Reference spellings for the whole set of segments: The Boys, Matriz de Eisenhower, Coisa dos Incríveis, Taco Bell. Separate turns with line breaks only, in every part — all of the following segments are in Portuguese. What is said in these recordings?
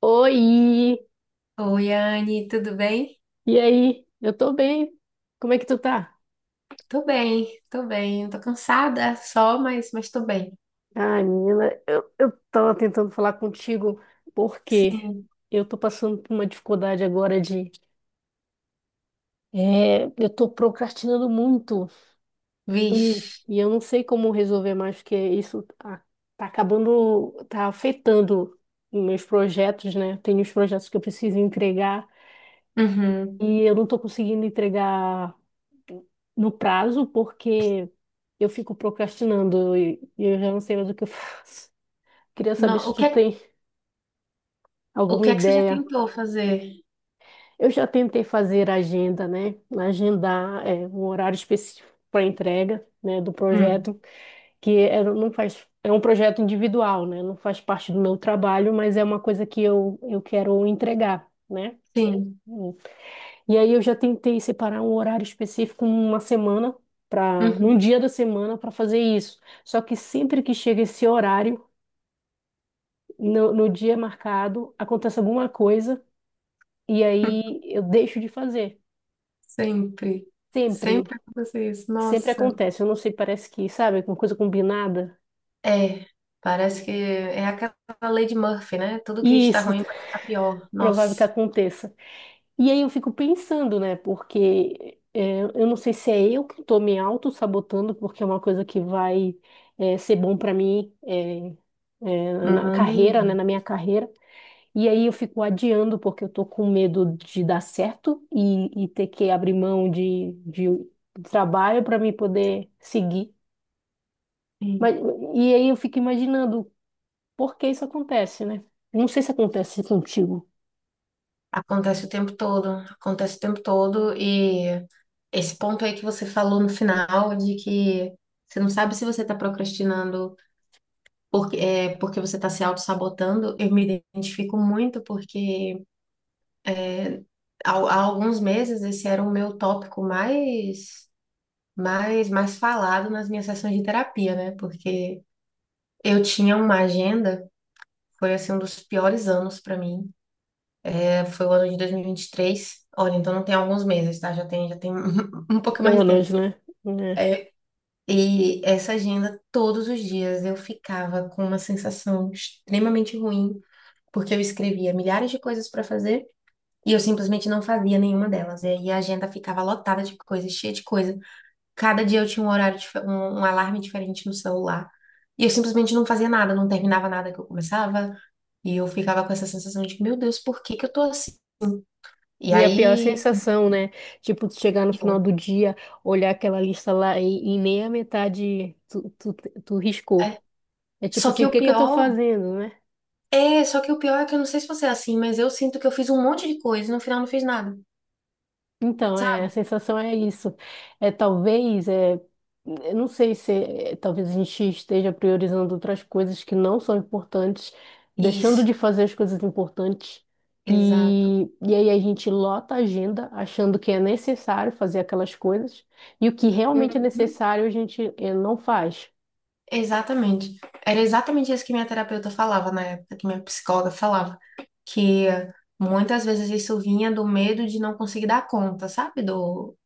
Oi!
Oi, Anne, tudo bem?
E aí? Eu tô bem. Como é que tu tá?
Tô bem, tô bem. Tô cansada só, mas tô bem.
Ai, menina, eu tava tentando falar contigo porque
Sim,
eu tô passando por uma dificuldade agora eu tô procrastinando muito e,
vixe.
e eu não sei como resolver mais, porque isso tá acabando, tá afetando os meus projetos, né? Tenho os projetos que eu preciso entregar
Uhum.
e eu não tô conseguindo entregar no prazo, porque eu fico procrastinando e eu já não sei mais o que eu faço. Queria saber
Não,
se tu tem
o
alguma
que é que você já
ideia.
tentou fazer?
Eu já tentei fazer agenda, né? Agendar um horário específico para entrega, né, do
Hum,
projeto, que é, não faz, é um projeto individual, né? Não faz parte do meu trabalho, mas é uma coisa que eu quero entregar, né?
sim.
E aí eu já tentei separar um horário específico numa semana para num
Uhum.
dia da semana para fazer isso. Só que sempre que chega esse horário, no dia marcado, acontece alguma coisa e aí eu deixo de fazer.
Sempre.
Sempre,
Sempre acontece isso.
sempre
Nossa.
acontece. Eu não sei, parece que, sabe, alguma coisa combinada.
É, parece que é aquela lei de Murphy, né? Tudo que
E
está
isso,
ruim vai ficar pior.
provável que
Nossa.
aconteça. E aí eu fico pensando, né? Porque eu não sei se é eu que estou me auto-sabotando, porque é uma coisa que vai ser bom para mim, na carreira, né?
Hum.
Na minha carreira. E aí eu fico adiando, porque eu tô com medo de dar certo e ter que abrir mão de trabalho para me poder seguir.
Sim.
Mas, e aí eu fico imaginando por que isso acontece, né? Não sei se acontece contigo.
Acontece o tempo todo. Acontece o tempo todo. Esse ponto aí que você falou no final, de que você não sabe se você está procrastinando porque você está se auto-sabotando, eu me identifico muito porque é, há alguns meses esse era o meu tópico mais falado nas minhas sessões de terapia, né? Porque eu tinha uma agenda, foi assim um dos piores anos para mim. É, foi o ano de dois mil e vinte e três. Olha, então não tem alguns meses, tá? Já tem um pouco mais de
Anos,
tempo.
né? É.
É, e essa agenda, todos os dias, eu ficava com uma sensação extremamente ruim, porque eu escrevia milhares de coisas para fazer e eu simplesmente não fazia nenhuma delas. E aí a agenda ficava lotada de coisas, cheia de coisa. Cada dia eu tinha um horário, um alarme diferente no celular. E eu simplesmente não fazia nada, não terminava nada que eu começava. E eu ficava com essa sensação de, meu Deus, por que que eu tô assim? E
E a pior
aí,
sensação, né? Tipo, tu chegar no final
eu-
do dia, olhar aquela lista lá e nem a metade tu riscou.
é.
É tipo
Só
assim,
que
o
o
que que eu tô
pior.
fazendo, né?
É, só que o pior é que eu não sei se você é assim, mas eu sinto que eu fiz um monte de coisa e no final não fiz nada,
Então, a
sabe?
sensação é isso. É talvez, eu não sei se é, talvez a gente esteja priorizando outras coisas que não são importantes, deixando
Isso,
de fazer as coisas importantes.
exato.
E aí a gente lota a agenda achando que é necessário fazer aquelas coisas, e o que realmente é
Uhum.
necessário a gente não faz.
Exatamente. Era exatamente isso que minha terapeuta falava na época, que minha psicóloga falava, que muitas vezes isso vinha do medo de não conseguir dar conta, sabe? Do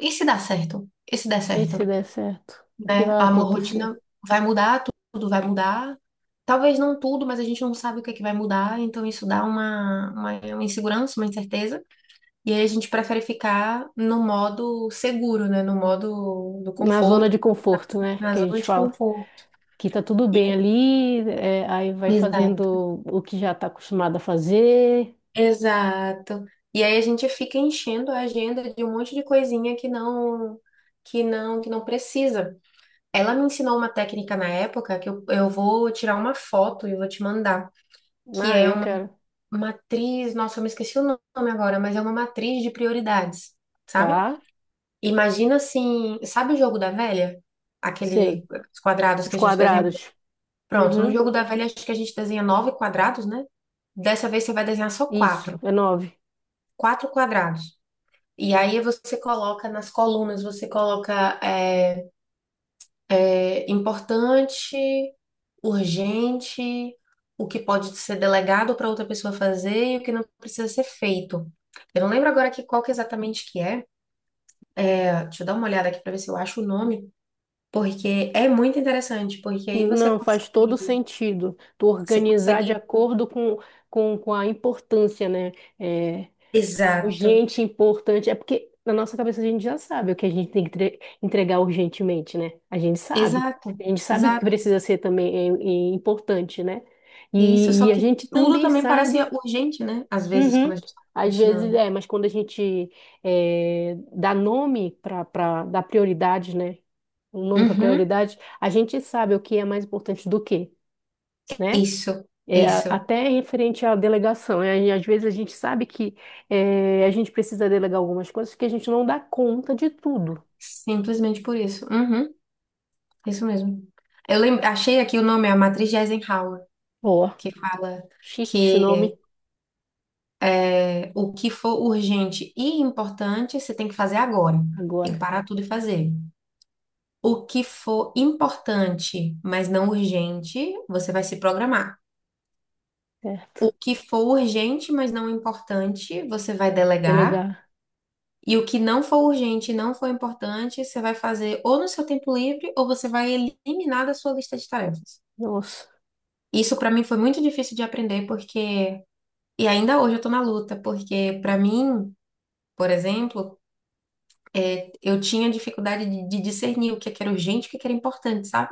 e se dá certo? E se der
E
certo,
se der certo, o que
né?
vai
A minha
acontecer?
rotina vai mudar, tudo vai mudar. Talvez não tudo, mas a gente não sabe o que é que vai mudar, então isso dá uma, uma insegurança, uma incerteza. E aí a gente prefere ficar no modo seguro, né? No modo do
Na zona
conforto,
de conforto, né,
na
que a
zona
gente
de
fala.
conforto.
Que tá tudo
E
bem
aí-
ali, aí vai
Exato.
fazendo o que já tá acostumado a fazer.
Exato. E aí a gente fica enchendo a agenda de um monte de coisinha que não precisa. Ela me ensinou uma técnica na época que eu vou tirar uma foto e vou te mandar, que
Ah,
é
eu
uma
quero.
matriz, nossa, eu me esqueci o nome agora, mas é uma matriz de prioridades, sabe?
Tá,
Imagina assim, sabe o jogo da velha? Aquele
sei.
Os quadrados
Os
que a gente desenha.
quadrados.
Pronto, no
Uhum,
jogo da velha acho que a gente desenha nove quadrados, né? Dessa vez você vai desenhar só
isso,
quatro,
é nove.
quatro quadrados. E aí você coloca nas colunas, você coloca importante, urgente, o que pode ser delegado para outra pessoa fazer e o que não precisa ser feito. Eu não lembro agora aqui qual que exatamente que é. Deixa eu dar uma olhada aqui para ver se eu acho o nome. Porque é muito interessante, porque aí você
Não, faz todo
consegue,
sentido. Tu
você
organizar de
consegue.
acordo com, com a importância, né?
Exato,
Urgente, importante. É porque na nossa cabeça a gente já sabe o que a gente tem que entregar urgentemente, né? A gente sabe.
exato,
A gente sabe o que
exato.
precisa ser também é importante, né?
Isso,
E,
só
e a
que
gente
tudo
também
também parece
sabe.
urgente, né? Às vezes,
Uhum.
quando a gente está
Às vezes
procrastinando.
mas quando a gente dá nome para dar prioridade, né? Um nome para
Uhum,
prioridade, a gente sabe o que é mais importante do que, né?
isso,
É,
isso.
até em frente à delegação, né? E às vezes a gente sabe que a gente precisa delegar algumas coisas que a gente não dá conta de tudo.
Simplesmente por isso. Uhum, isso mesmo. Achei aqui o nome, a Matriz de Eisenhower,
Ó,
que fala
chique esse
que
nome
o que for urgente e importante, você tem que fazer agora. Tem que
agora,
parar tudo e fazer. O que for importante, mas não urgente, você vai se programar.
certo?
O que for urgente, mas não importante, você vai delegar.
Delegar.
E o que não for urgente e não for importante, você vai fazer ou no seu tempo livre ou você vai eliminar da sua lista de tarefas.
Nossa,
Isso para mim foi muito difícil de aprender porque e ainda hoje eu tô na luta, porque para mim, por exemplo, eu tinha dificuldade de discernir o que é que era urgente e o que é que era importante, sabe?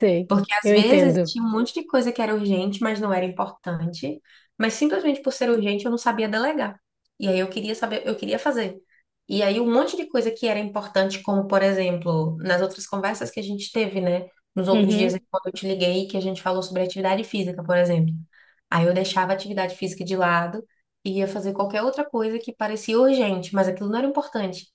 sei.
Porque às
Eu
vezes
entendo.
tinha um monte de coisa que era urgente, mas não era importante. Mas simplesmente por ser urgente, eu não sabia delegar. E aí eu queria saber, eu queria fazer. E aí um monte de coisa que era importante, como por exemplo, nas outras conversas que a gente teve, né? Nos outros dias,
Uhum.
quando eu te liguei, que a gente falou sobre atividade física, por exemplo. Aí eu deixava a atividade física de lado e ia fazer qualquer outra coisa que parecia urgente, mas aquilo não era importante.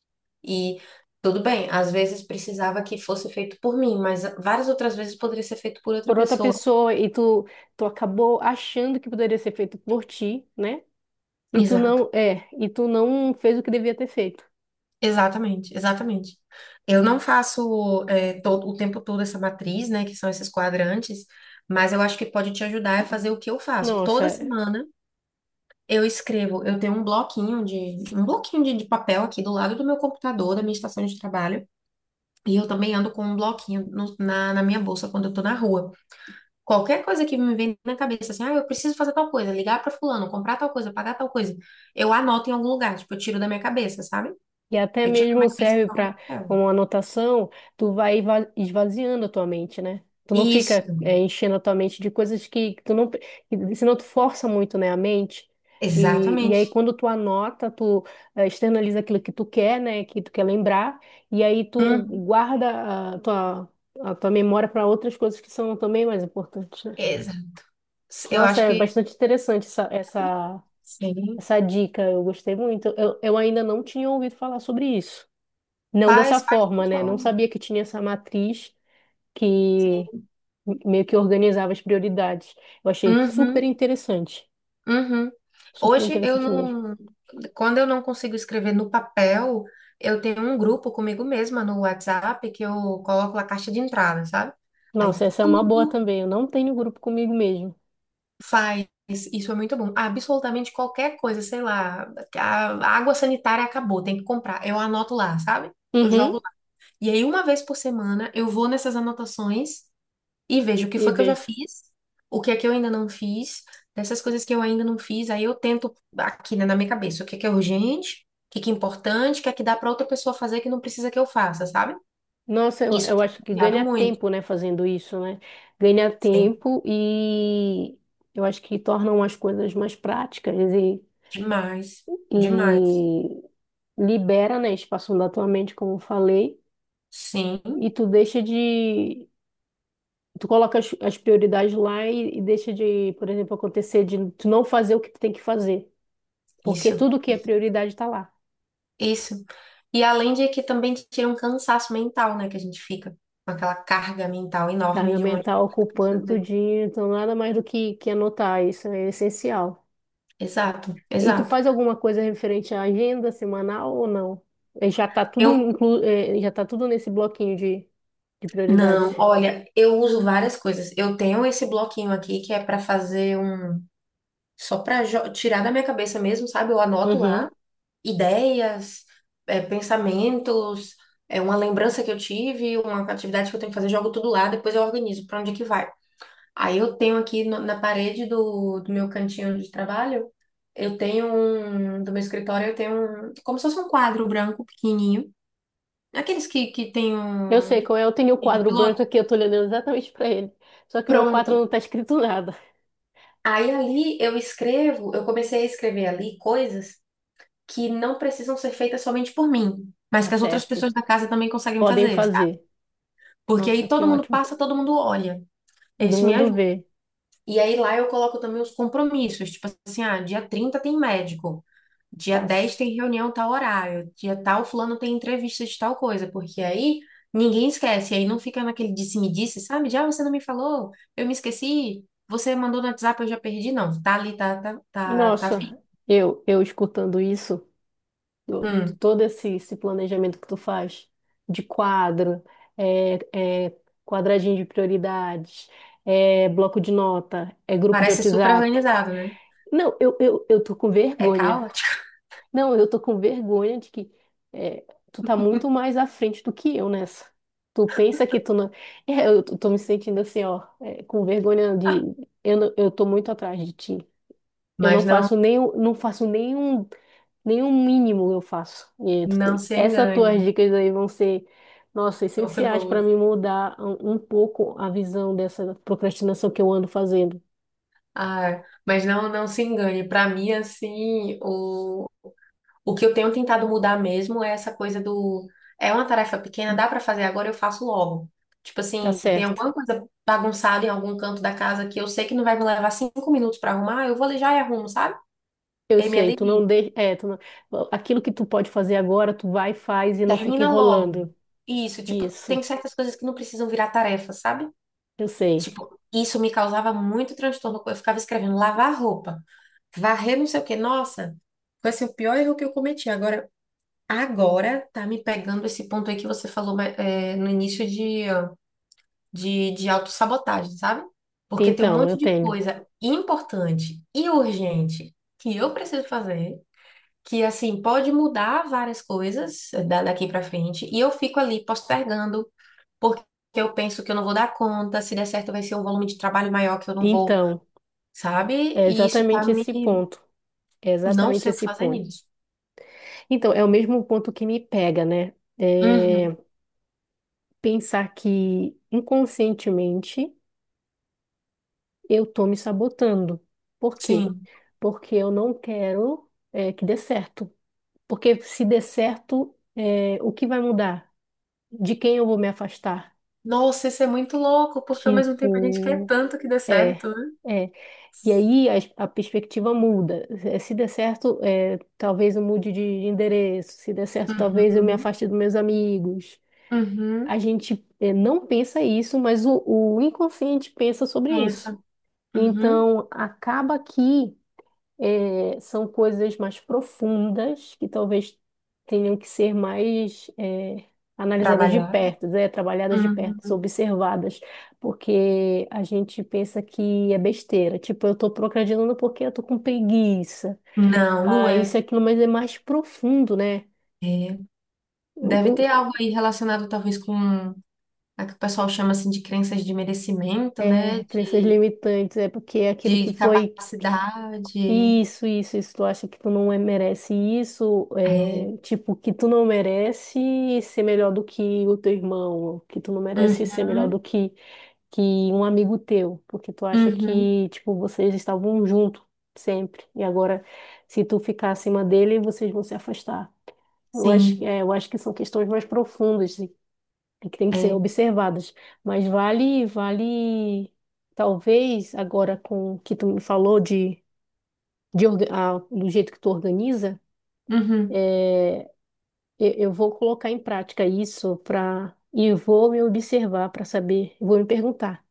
E tudo bem, às vezes precisava que fosse feito por mim, mas várias outras vezes poderia ser feito por outra
Por outra
pessoa.
pessoa, e tu acabou achando que poderia ser feito por ti, né? E tu
Exato,
não, é, e tu não fez o que devia ter feito.
exatamente, exatamente. Eu não faço o tempo todo essa matriz, né, que são esses quadrantes, mas eu acho que pode te ajudar a fazer o que eu faço. Toda
Nossa,
semana eu escrevo, eu tenho um bloquinho de papel aqui do lado do meu computador, da minha estação de trabalho, e eu também ando com um bloquinho na minha bolsa quando eu tô na rua. Qualquer coisa que me vem na cabeça, assim, ah, eu preciso fazer tal coisa, ligar pra fulano, comprar tal coisa, pagar tal coisa, eu anoto em algum lugar, tipo, eu tiro da minha cabeça, sabe?
e até
Eu tiro da minha
mesmo
cabeça e
serve
coloco no
para
papel.
como anotação, tu vai esvaziando a tua mente, né? Tu não fica
Isso,
enchendo a tua mente de coisas que tu não, senão tu força muito, né, a mente. E
exatamente.
aí quando tu anota, tu externaliza aquilo que tu quer, né, que tu quer lembrar, e aí tu
Hum.
guarda a tua, memória para outras coisas que são também mais importantes, né?
exa- Eu
Nossa,
acho
é
que
bastante interessante essa, essa,
sim.
essa dica, eu gostei muito. Eu ainda não tinha ouvido falar sobre isso. Não dessa
Faz, faz
forma,
dessa
né? Não
forma.
sabia que tinha essa matriz que meio que organizava as prioridades. Eu achei super
Uhum,
interessante.
uhum.
Super
Hoje eu
interessante mesmo.
não, quando eu não consigo escrever no papel, eu tenho um grupo comigo mesma no WhatsApp que eu coloco a caixa de entrada, sabe? Aí
Nossa, essa é uma boa
tudo
também. Eu não tenho grupo comigo mesmo.
Faz, isso é muito bom. Absolutamente qualquer coisa, sei lá, a água sanitária acabou, tem que comprar. Eu anoto lá, sabe? Eu
Uhum,
jogo lá. E aí, uma vez por semana, eu vou nessas anotações e vejo o que
e
foi que eu já
vejo.
fiz, o que é que eu ainda não fiz, dessas coisas que eu ainda não fiz, aí eu tento aqui, né, na minha cabeça, o que é urgente, o que é importante, o que é que dá para outra pessoa fazer que não precisa que eu faça, sabe?
Nossa, eu,
Isso
eu
tem
acho
me
que
ajudado
ganha
muito.
tempo, né, fazendo isso, né? Ganha
Sim,
tempo e eu acho que tornam as coisas mais práticas e,
demais, demais.
e libera, né, espaço da tua mente, como eu falei,
Sim,
e tu deixa de, tu coloca as, prioridades lá e deixa de, por exemplo, acontecer de tu não fazer o que tu tem que fazer, porque
isso.
tudo que é prioridade tá lá.
Isso. E além de que também te tira um cansaço mental, né? Que a gente fica com aquela carga mental
Tá,
enorme
minha
de um
mãe
monte
tá
de coisa pra
ocupando
fazer.
tudinho, então nada mais do que anotar, isso é essencial.
Exato,
E tu
exato.
faz alguma coisa referente à agenda semanal ou não? Já tá tudo
Eu
inclu, eh, já tá tudo nesse bloquinho de prioridades.
não, Olha, eu uso várias coisas. Eu tenho esse bloquinho aqui que é pra fazer só pra tirar da minha cabeça mesmo, sabe? Eu anoto
Uhum.
lá ideias, pensamentos, é uma lembrança que eu tive, uma atividade que eu tenho que fazer, jogo tudo lá, depois eu organizo pra onde que vai. Aí eu tenho aqui no- na, parede do meu cantinho de trabalho, eu tenho um, do meu escritório, como se fosse um quadro branco pequenininho, aqueles que tem
Eu
um
sei qual é, eu tenho o
de
quadro branco
piloto.
aqui, eu tô olhando exatamente para ele. Só que meu quadro
Pronto.
não tá escrito nada.
Aí ali eu comecei a escrever ali coisas que não precisam ser feitas somente por mim, mas
Tá
que as outras
certo.
pessoas da casa também conseguem
Podem
fazer, sabe?
fazer.
Porque
Nossa,
aí
que
todo mundo
ótimo.
passa, todo mundo olha.
Todo
Isso me
mundo
ajuda.
vê.
E aí lá eu coloco também os compromissos, tipo assim, ah, dia 30 tem médico. Dia
Tá.
dez tem reunião tal horário, dia tal fulano tem entrevista de tal coisa, porque aí ninguém esquece, aí não fica naquele disse-me-disse, sabe? De, ah, você não me falou, eu me esqueci, você mandou no WhatsApp, eu já perdi, não. Tá ali, tá, tá, tá, tá fixo.
Nossa, eu escutando isso,
Hum,
todo esse, planejamento que tu faz de quadro, é quadradinho de prioridades, é bloco de nota, é grupo de
parece super
WhatsApp.
organizado, né?
Não, eu tô com
É
vergonha.
caótico,
Não, eu tô com vergonha de que é, tu tá muito mais à frente do que eu nessa. Tu pensa que tu não. É, eu tô me sentindo assim, ó, com vergonha de. Eu, não- eu tô muito atrás de ti. Eu não
mas não,
faço nenhum, não faço nenhum, nenhum mínimo eu faço. E tu
não se
essas tuas
engane.
dicas aí vão ser, nossa,
Não foi
essenciais
boa.
para me mudar um pouco a visão dessa procrastinação que eu ando fazendo.
Ah, mas não, não se engane. Para mim, assim, o que eu tenho tentado mudar mesmo é essa coisa do. É uma tarefa pequena, dá pra fazer agora, eu faço logo. Tipo
Tá
assim, tem
certo.
alguma coisa bagunçada em algum canto da casa que eu sei que não vai me levar 5 minutos pra arrumar, eu vou ali já e arrumo, sabe?
Eu
E aí me
sei, tu
alivia.
não deixa. É, tu não. Aquilo que tu pode fazer agora, tu vai, faz e não fica
Termina logo.
enrolando.
Isso, tipo,
Isso,
tem certas coisas que não precisam virar tarefa, sabe?
eu sei.
Tipo, isso me causava muito transtorno. Eu ficava escrevendo lavar roupa, varrer não sei o quê. Nossa, foi assim, o pior erro que eu cometi. Agora. Tá me pegando esse ponto aí que você falou mas, no início de, ó, de autossabotagem, sabe? Porque tem um
Então, eu
monte de
tenho.
coisa importante e urgente que eu preciso fazer, que assim pode mudar várias coisas daqui pra frente, e eu fico ali postergando, porque eu penso que eu não vou dar conta, se der certo vai ser um volume de trabalho maior que eu não vou,
Então,
sabe?
é
E isso tá
exatamente
me.
esse ponto. É
Não
exatamente
sei o que
esse
fazer
ponto.
nisso.
Então, é o mesmo ponto que me pega, né? É
Uhum,
pensar que inconscientemente eu tô me sabotando. Por quê?
sim.
Porque eu não quero que dê certo. Porque se der certo, o que vai mudar? De quem eu vou me afastar?
Nossa, isso é muito louco, porque ao mesmo tempo a gente quer
Tipo,
tanto que dê
é,
certo, né?
é. E aí a perspectiva muda. Se der certo, talvez eu mude de endereço. Se der certo, talvez eu me
Uhum,
afaste dos meus amigos.
uhum,
A gente, não pensa isso, mas o, inconsciente pensa sobre
pensa,
isso.
uhum,
Então, acaba que são coisas mais profundas que talvez tenham que ser mais analisadas de
trabalhar,
perto, né? Trabalhadas de perto,
uhum.
observadas, porque a gente pensa que é besteira, tipo, eu estou procrastinando porque eu estou com preguiça,
Não, não
ah,
é.
isso e aquilo, mas é mais profundo, né? O-
Deve
o-
ter algo aí relacionado talvez com a que o pessoal chama assim de crenças de merecimento,
é,
né?
crenças
De,
limitantes, é porque é aquilo que
de
foi.
capacidade.
Isso, isso, isso. Tu acha que tu não merece isso,
É.
tipo, que tu não merece ser melhor do que o teu irmão, que tu não merece ser melhor do
Uhum,
que um amigo teu, porque tu acha
uhum,
que, tipo, vocês estavam juntos sempre, e agora, se tu ficar acima dele, vocês vão se afastar. Eu acho, que-
sim,
é, eu acho que são questões mais profundas e que têm que ser
é.
observadas. Mas vale, talvez agora com o que tu me falou de do jeito que tu organiza,
Uhum,
é, eu vou colocar em prática isso para e vou me observar para saber, vou me perguntar,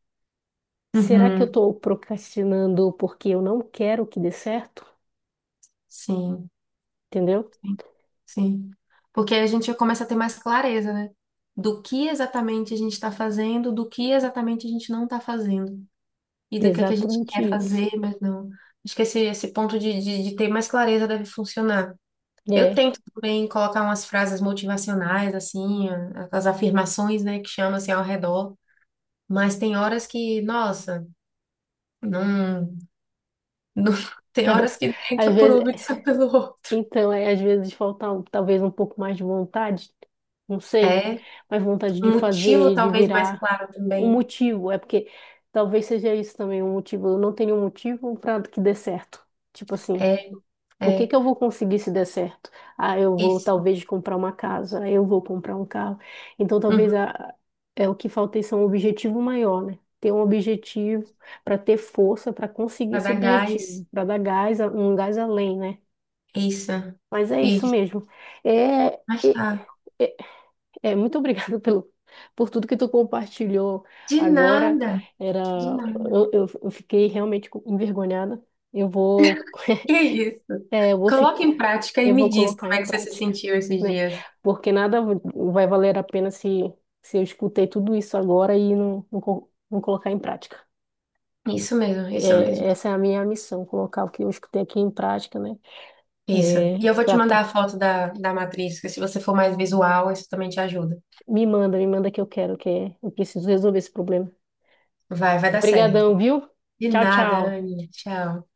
será que eu
uhum,
estou procrastinando porque eu não quero que dê certo?
sim.
Entendeu?
Sim. Porque aí a gente começa a ter mais clareza, né? Do que exatamente a gente está fazendo, do que exatamente a gente não está fazendo. E
É,
do que é que a gente
exatamente
quer
isso.
fazer, mas não. Acho que esse ponto de ter mais clareza deve funcionar. Eu
É.
tento também colocar umas frases motivacionais, assim, as afirmações, né, que chamam assim ao redor. Mas tem horas que, nossa, não, não tem horas que
Às
entra por
vezes.
uma e sai pelo outro.
Então, às vezes falta talvez um pouco mais de vontade, não sei,
É
mas vontade de
um motivo
fazer, de
talvez mais
virar
claro
um
também.
motivo. É porque talvez seja isso também um motivo. Eu não tenho um motivo para que dê certo. Tipo assim,
É.
o que que
É.
eu vou conseguir se der certo? Ah, eu vou
Isso.
talvez comprar uma casa, eu vou comprar um carro. Então,
Uhum.
talvez é o que falta, isso é um objetivo maior, né? Ter um objetivo para ter força para conseguir
Vai
esse
dar
objetivo,
gás.
para dar gás, um gás além, né?
Isso.
Mas é isso
Isso.
mesmo. É, é,
Mas tá.
é, é, muito obrigada pelo, por tudo que tu compartilhou
De
agora.
nada.
Era,
De nada.
eu fiquei realmente envergonhada. Eu vou,
Que isso?
é, eu vou ficar,
Coloca em prática e
eu
me
vou
diz
colocar
como
em
é que você se
prática,
sentiu esses
né?
dias.
Porque nada vai valer a pena se eu escutei tudo isso agora e não colocar em prática.
Isso mesmo, isso mesmo.
É, essa é a minha missão, colocar o que eu escutei aqui em prática, né?
Isso.
É,
E eu vou te mandar a foto da matriz, que se você for mais visual, isso também te ajuda.
me manda, que eu quero, que eu preciso resolver esse problema.
Vai, vai dar
Obrigadão,
certo.
viu?
De
Tchau,
nada,
tchau.
Anne. Tchau.